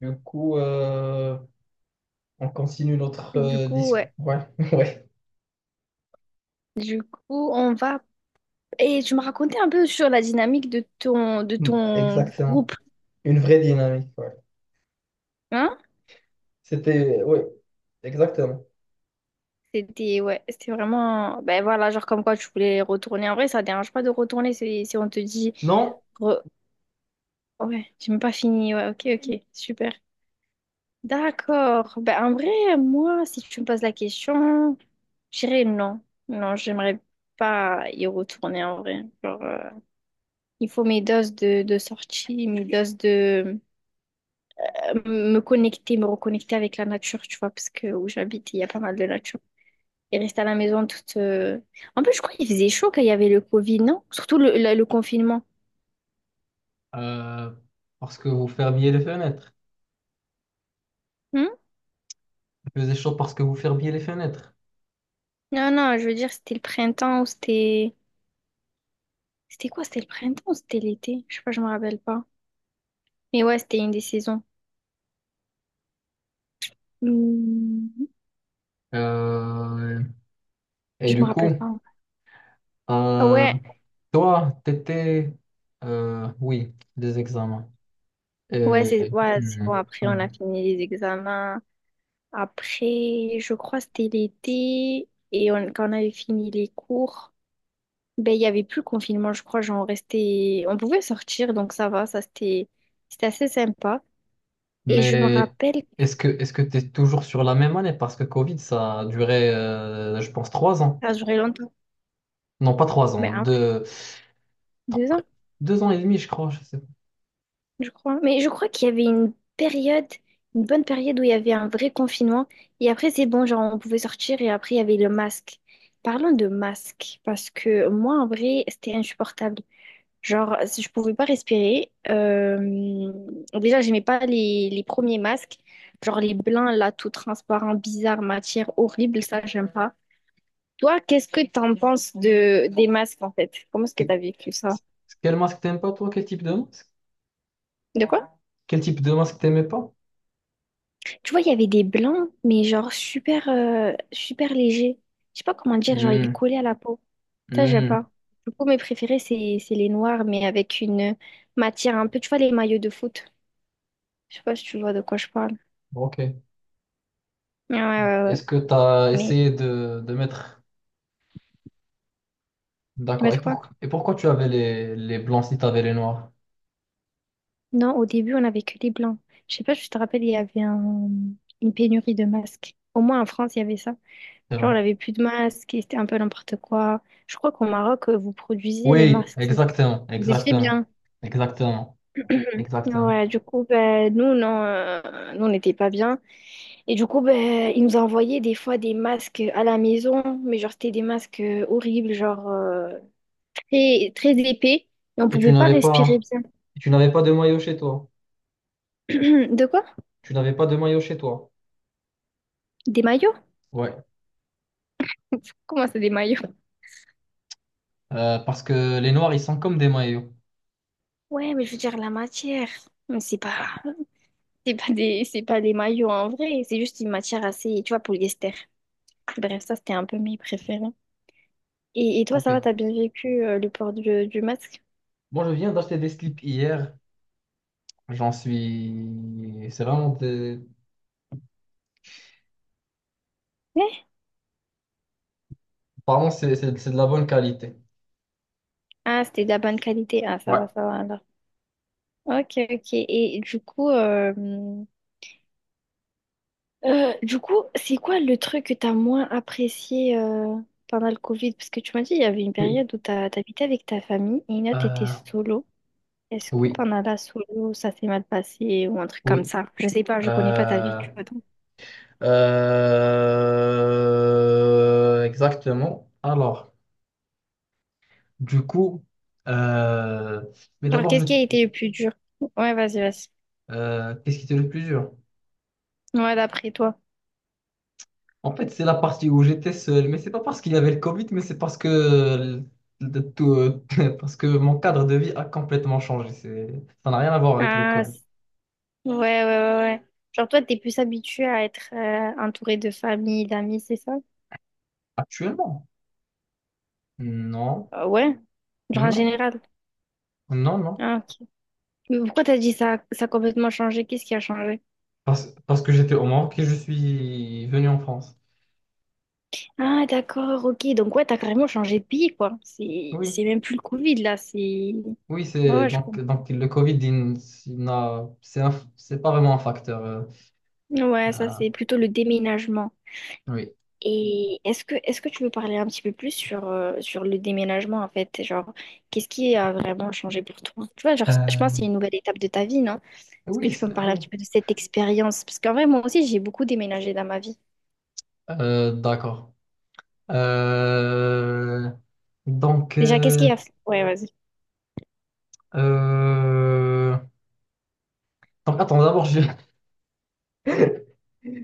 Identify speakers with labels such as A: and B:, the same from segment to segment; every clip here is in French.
A: Du coup, euh, on continue notre
B: Du coup,
A: discussion.
B: ouais.
A: Ouais, ouais,
B: Du coup, on va... Et tu me racontais un peu sur la dynamique de
A: Mm.
B: ton
A: Exactement.
B: groupe,
A: Une vraie dynamique, ouais.
B: hein?
A: C'était, oui, exactement.
B: Ouais, c'était vraiment... Ben voilà, genre comme quoi tu voulais retourner. En vrai, ça dérange pas de retourner si on te dit...
A: Non,
B: re- Ouais, j'ai même pas fini. Ouais, ok, ok, super. D'accord. Ben en vrai, moi, si tu me poses la question, je dirais non. Non, j'aimerais pas y retourner en vrai. Genre, il faut mes doses de sortie, mes doses de... me connecter, me reconnecter avec la nature, tu vois, parce que où j'habite, il y a pas mal de nature. Et rester à la maison toute... En plus, je crois qu'il faisait chaud quand il y avait le Covid, non? Surtout le confinement.
A: euh, parce que vous fermiez les fenêtres.
B: Hmm.
A: Il faisait chaud parce que vous fermiez les fenêtres.
B: Non, non, je veux dire, c'était le printemps ou c'était... C'était quoi? C'était le printemps ou c'était l'été? Je sais pas, je me rappelle pas. Mais ouais, c'était une des saisons. Hmm.
A: Euh, et
B: Je me
A: du coup,
B: rappelle pas. Ah
A: euh,
B: ouais,
A: toi, t'étais, oui, des examens. Et,
B: ouais, c'est bon. Après, on
A: Mm.
B: a fini les examens. Après, je crois, c'était l'été. Quand on avait fini les cours. Ben, il n'y avait plus le confinement, je crois. Genre, on restait... On pouvait sortir, donc ça va. Ça, c'était... C'était assez sympa. Et je me
A: Mais
B: rappelle que
A: est-ce que tu es toujours sur la même année? Parce que Covid, ça a duré, je pense, trois ans.
B: ça a duré longtemps.
A: Non, pas trois ans,
B: Ben, deux
A: trois-
B: ans,
A: deux ans et demi, je crois. Je sais pas.
B: je crois. Mais je crois qu'il y avait une période, une bonne période où il y avait un vrai confinement. Et après, c'est bon, genre, on pouvait sortir. Et après, il y avait le masque. Parlons de masque, parce que moi, en vrai, c'était insupportable. Genre, si je pouvais pas respirer, déjà, j'aimais pas les premiers masques, genre les blancs, là, tout transparent, bizarre, matière horrible, ça, j'aime pas. Toi, qu'est-ce que t'en penses de, des masques, en fait? Comment est-ce que
A: C'est-
B: t'as vécu ça?
A: Quel masque t'aimes pas, toi? Quel type de masque?
B: De quoi?
A: Quel type de masque t'aimais pas?
B: Tu vois, il y avait des blancs, mais genre super, super légers. Je sais pas comment dire, genre, ils
A: Hmm,
B: collaient à la peau. Ça, j'aime
A: hmm,
B: pas. Du coup, mes préférés, c'est les noirs, mais avec une matière un peu, tu vois, les maillots de foot. Je sais pas si tu vois de quoi je parle.
A: ok.
B: Ouais, ouais, ouais.
A: Est-ce que tu as
B: Ouais.
A: essayé de mettre...
B: Il y
A: D'accord. Et,
B: en
A: et pourquoi tu avais les blancs si tu avais les noirs?
B: Non, au début, on avait que les blancs. Je sais pas si tu te rappelle, il y avait une pénurie de masques. Au moins en France, il y avait ça.
A: C'est
B: Genre, on
A: vrai.
B: avait plus de masques et c'était un peu n'importe quoi. Je crois qu'au Maroc, vous produisiez les
A: Oui,
B: masques, c'est ça?
A: exactement,
B: Vous étiez
A: exactement,
B: bien.
A: exactement, exactement.
B: Ouais, du coup, ben, nous, non, nous, on n'était pas bien. Et du coup, ben, ils nous envoyaient des fois des masques à la maison, mais genre, c'était des masques horribles, genre très, très épais, et on
A: Et
B: pouvait pas respirer bien.
A: tu n'avais pas de maillot chez toi?
B: De quoi?
A: Tu n'avais pas de maillot chez toi.
B: Des maillots?
A: Ouais,
B: Comment ça, des maillots?
A: parce que les noirs, ils sont comme des maillots.
B: Ouais, mais je veux dire la matière. Mais c'est pas des maillots en vrai. C'est juste une matière assez, tu vois, polyester. Bref, ça, c'était un peu mes préférés. Et toi,
A: Ok.
B: ça va, t'as bien vécu le port du masque?
A: Moi, je viens d'acheter des slips hier. J'en suis. C'est vraiment des.
B: Ouais.
A: Apparemment, c'est de la bonne qualité.
B: Ah, c'était de la bonne qualité. Ah,
A: Ouais.
B: ça va alors. Ok, ok. Et du coup, c'est quoi le truc que t'as moins apprécié pendant le Covid? Parce que tu m'as dit, il y avait une période où t'habitais avec ta famille et une autre, t'étais
A: Euh,
B: solo. Est-ce que
A: oui,
B: pendant la solo, ça s'est mal passé ou un truc comme
A: oui.
B: ça? Je sais pas, je connais pas ta vie,
A: Euh,
B: tu vois. Donc...
A: exactement. Alors, du coup, euh, mais
B: Genre,
A: d'abord,
B: qu'est-ce
A: je,
B: qui a été le plus dur? Ouais, vas-y, vas-y.
A: euh, qu'est-ce qui était le plus dur?
B: Ouais, d'après toi.
A: En fait, c'est la partie où j'étais seul, mais c'est pas parce qu'il y avait le Covid, mais c'est parce que, de tout, parce que mon cadre de vie a complètement changé. Ça n'a rien à voir avec le
B: Ah,
A: Covid.
B: ouais, ouais, ouais, ouais. Genre, toi, t'es plus habitué à être entouré de famille, d'amis, c'est ça?
A: Actuellement? Non,
B: Ouais. Genre, en
A: non,
B: général.
A: non, non.
B: Ah, ok. Mais pourquoi t'as dit ça, ça a complètement changé? Qu'est-ce qui a changé?
A: Parce que j'étais au Maroc et je suis venu en France.
B: Ah, d'accord, ok. Donc, ouais, t'as carrément changé de pays, quoi. C'est,
A: Oui,
B: c'est même plus le Covid, là. C'est...
A: oui,
B: Ouais, ouais, je comprends.
A: donc le Covid, il n'a, c'est pas vraiment un facteur.
B: Ouais, ça,
A: Euh,
B: c'est plutôt le déménagement.
A: oui.
B: Et est-ce que tu veux parler un petit peu plus sur le déménagement en fait? Genre, qu'est-ce qui a vraiment changé pour toi? Tu vois, genre, je pense que c'est
A: Euh,
B: une nouvelle étape de ta vie, non? Est-ce que
A: oui,
B: tu peux me parler un
A: oui.
B: petit peu de cette expérience? Parce qu'en vrai, moi aussi, j'ai beaucoup déménagé dans ma vie.
A: D'accord. Euh, donc.
B: Déjà, qu'est-ce
A: euh,
B: qui a fait? Ouais, vas-y.
A: Euh, Attends, d'abord, je...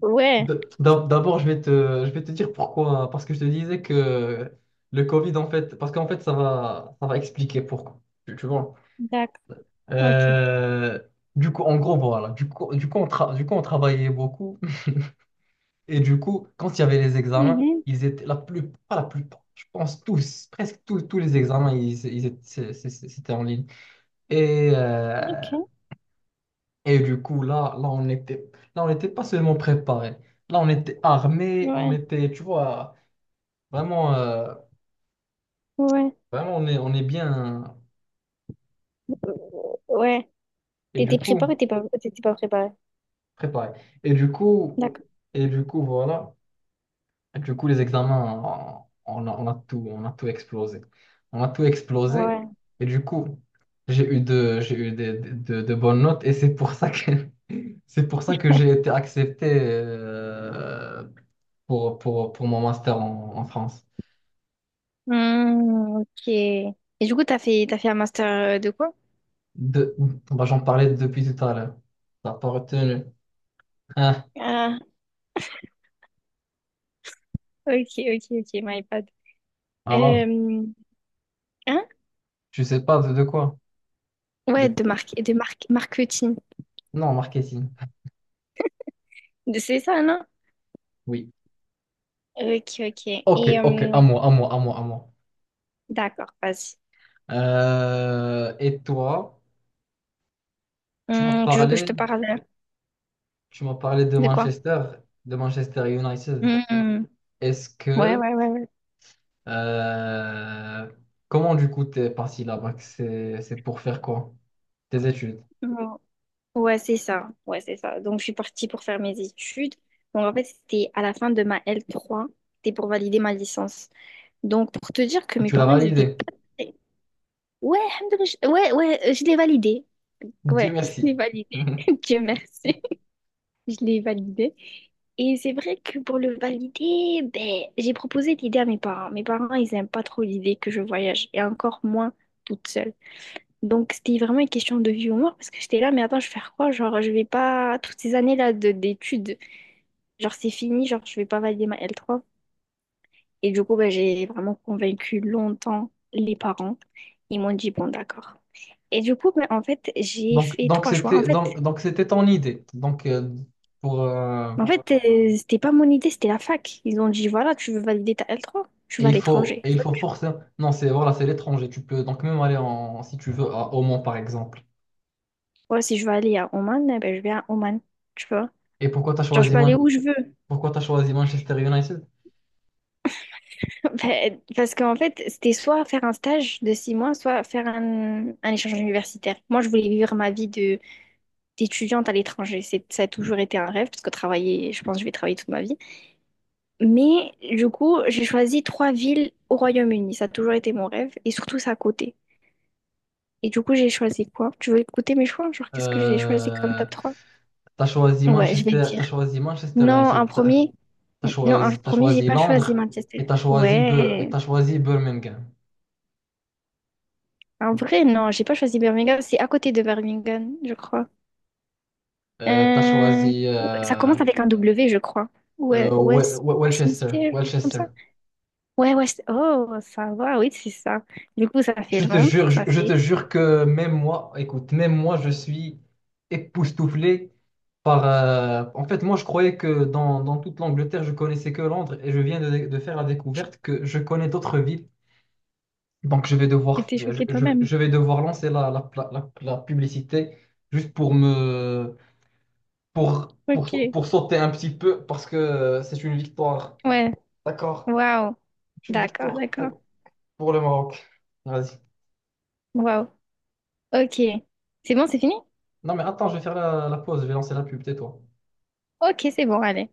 B: Ouais,
A: D'abord, je vais te dire pourquoi, hein. Parce que je te disais que le Covid, en fait, parce qu'en fait, ça va expliquer pourquoi. Tu vois.
B: d'accord. Ok. Ok.
A: Euh, Du coup, en gros, voilà. Du coup, on travaillait beaucoup. Et du coup, quand il y avait les examens,
B: Mhm.
A: ils étaient la plus... pas la plupart, je pense tous, presque tous, tous les examens, ils étaient... c'était en ligne. Et, euh,
B: Ok.
A: Et du coup, on était, là, on n'était pas seulement préparé. Là, on était armé, on
B: Ouais.
A: était, tu vois, vraiment,
B: Ouais.
A: vraiment, on est bien.
B: Ouais.
A: Et du
B: T'étais
A: coup,
B: préparé ou t'étais pas préparé?
A: préparé. Et du coup,
B: D'accord.
A: et du coup, voilà. Et du coup, les examens, on on a tout explosé. On a tout explosé.
B: Ouais.
A: Et du coup, j'ai eu de bonnes notes. Et c'est pour ça que, c'est pour ça que j'ai été accepté, pour mon master en France.
B: Hmm, ok. Et du coup, t'as fait un master de quoi?
A: De... Bah, j'en parlais depuis tout à l'heure. T'as pas retenu. Hein?
B: Ok, ok, ok, my bad.
A: Alors,
B: Euh, hein?
A: je sais pas de quoi.
B: Ouais,
A: De...
B: de marque, marketing.
A: Non, marketing.
B: C'est ça, non?
A: Oui.
B: Ok, ok.
A: Ok,
B: Et
A: ok, à moi, à moi, à moi, à moi.
B: d'accord, vas-y.
A: Et toi, tu m'as
B: Tu veux que je te
A: parlé,
B: parle
A: tu m'as parlé
B: de quoi?
A: De Manchester United.
B: Hum.
A: Est-ce
B: Ouais,
A: que,
B: ouais, ouais, ouais.
A: euh, comment du coup t'es parti là-bas? Que c'est pour faire quoi? Tes études.
B: Hum. Ouais, c'est ça. Ouais, c'est ça. Donc, je suis partie pour faire mes études. Donc, en fait, c'était à la fin de ma L3. C'était pour valider ma licence. Donc, pour te dire que
A: Et
B: mes
A: tu l'as
B: parents, ils étaient
A: validé.
B: pas... très- Ouais, alhamdoulilah, ouais, ouais, je l'ai validé.
A: Dieu
B: Ouais, je
A: merci.
B: l'ai validé. Dieu merci. Je l'ai validé. Et c'est vrai que pour le valider, ben, j'ai proposé l'idée à mes parents. Mes parents, ils n'aiment pas trop l'idée que je voyage, et encore moins toute seule. Donc, c'était vraiment une question de vie ou mort, parce que j'étais là, mais attends, je vais faire quoi? Genre, je vais pas... Toutes ces années-là d'études, genre, c'est fini, genre, je vais pas valider ma L3. Et du coup, ben, j'ai vraiment convaincu longtemps les parents. Ils m'ont dit, bon, d'accord. Et du coup, ben, en fait, j'ai
A: Donc,
B: fait trois choix. En fait,
A: donc c'était ton idée. Donc pour
B: en fait, c'était pas mon idée, c'était la fac. Ils ont dit, voilà, tu veux valider ta L3, tu vas à l'étranger.
A: et il faut forcément non c'est voilà c'est l'étranger. Tu peux donc même aller en si tu veux à, au Mans par exemple.
B: Moi, si je veux aller à Oman, eh ben, je vais à Oman, tu vois.
A: Et pourquoi
B: Genre, je peux aller où je veux.
A: Pourquoi t'as choisi Manchester United?
B: Ben, parce qu'en fait, c'était soit faire un stage de 6 mois, soit faire un échange universitaire. Moi, je voulais vivre ma vie de d'étudiante à l'étranger. C'est, ça a toujours été un rêve, parce que travailler, je pense que je vais travailler toute ma vie. Mais du coup, j'ai choisi trois villes au Royaume-Uni. Ça a toujours été mon rêve, et surtout, c'est à côté. Et du coup, j'ai choisi quoi? Tu veux écouter mes choix? Genre, qu'est-ce que j'ai choisi comme
A: Euh,
B: top trois? Ouais, je vais te
A: T'as
B: dire.
A: choisi Manchester
B: Non, un
A: United. T'as
B: premier. Non, un
A: t'as
B: premier, j'ai
A: choisi
B: pas choisi
A: Londres et
B: Manchester.
A: et
B: Ouais.
A: t'as choisi Birmingham.
B: En vrai, non, j'ai pas choisi Birmingham. C'est à côté de Birmingham, je crois.
A: T'as
B: Euh,
A: choisi
B: ouais, ça commence avec un W, je crois. Ouais, West...
A: Welchester
B: Westminster, comme ça.
A: Welchester.
B: Ouais, West... Oh, ça va, oui, c'est ça. Du coup, ça fait
A: Je te
B: Londres,
A: jure,
B: ça
A: je te
B: fait...
A: jure que même moi, écoute, même moi, je suis époustouflé par... en fait, moi, je croyais que dans toute l'Angleterre, je connaissais que Londres et je viens de faire la découverte que je connais d'autres villes. Donc, je vais
B: Tu
A: devoir,
B: t'es choquée toi-même.
A: je vais devoir lancer la publicité juste pour me...
B: Ok.
A: pour sauter un petit peu parce que c'est une victoire.
B: Ouais,
A: D'accord?
B: waouh.
A: C'est une
B: D'accord,
A: victoire
B: d'accord.
A: pour le Maroc. Vas-y.
B: Waouh. Ok. C'est bon, c'est fini?
A: Non, mais attends, je vais faire la, la pause, je vais lancer la pub, tais-toi.
B: Ok, c'est bon, allez.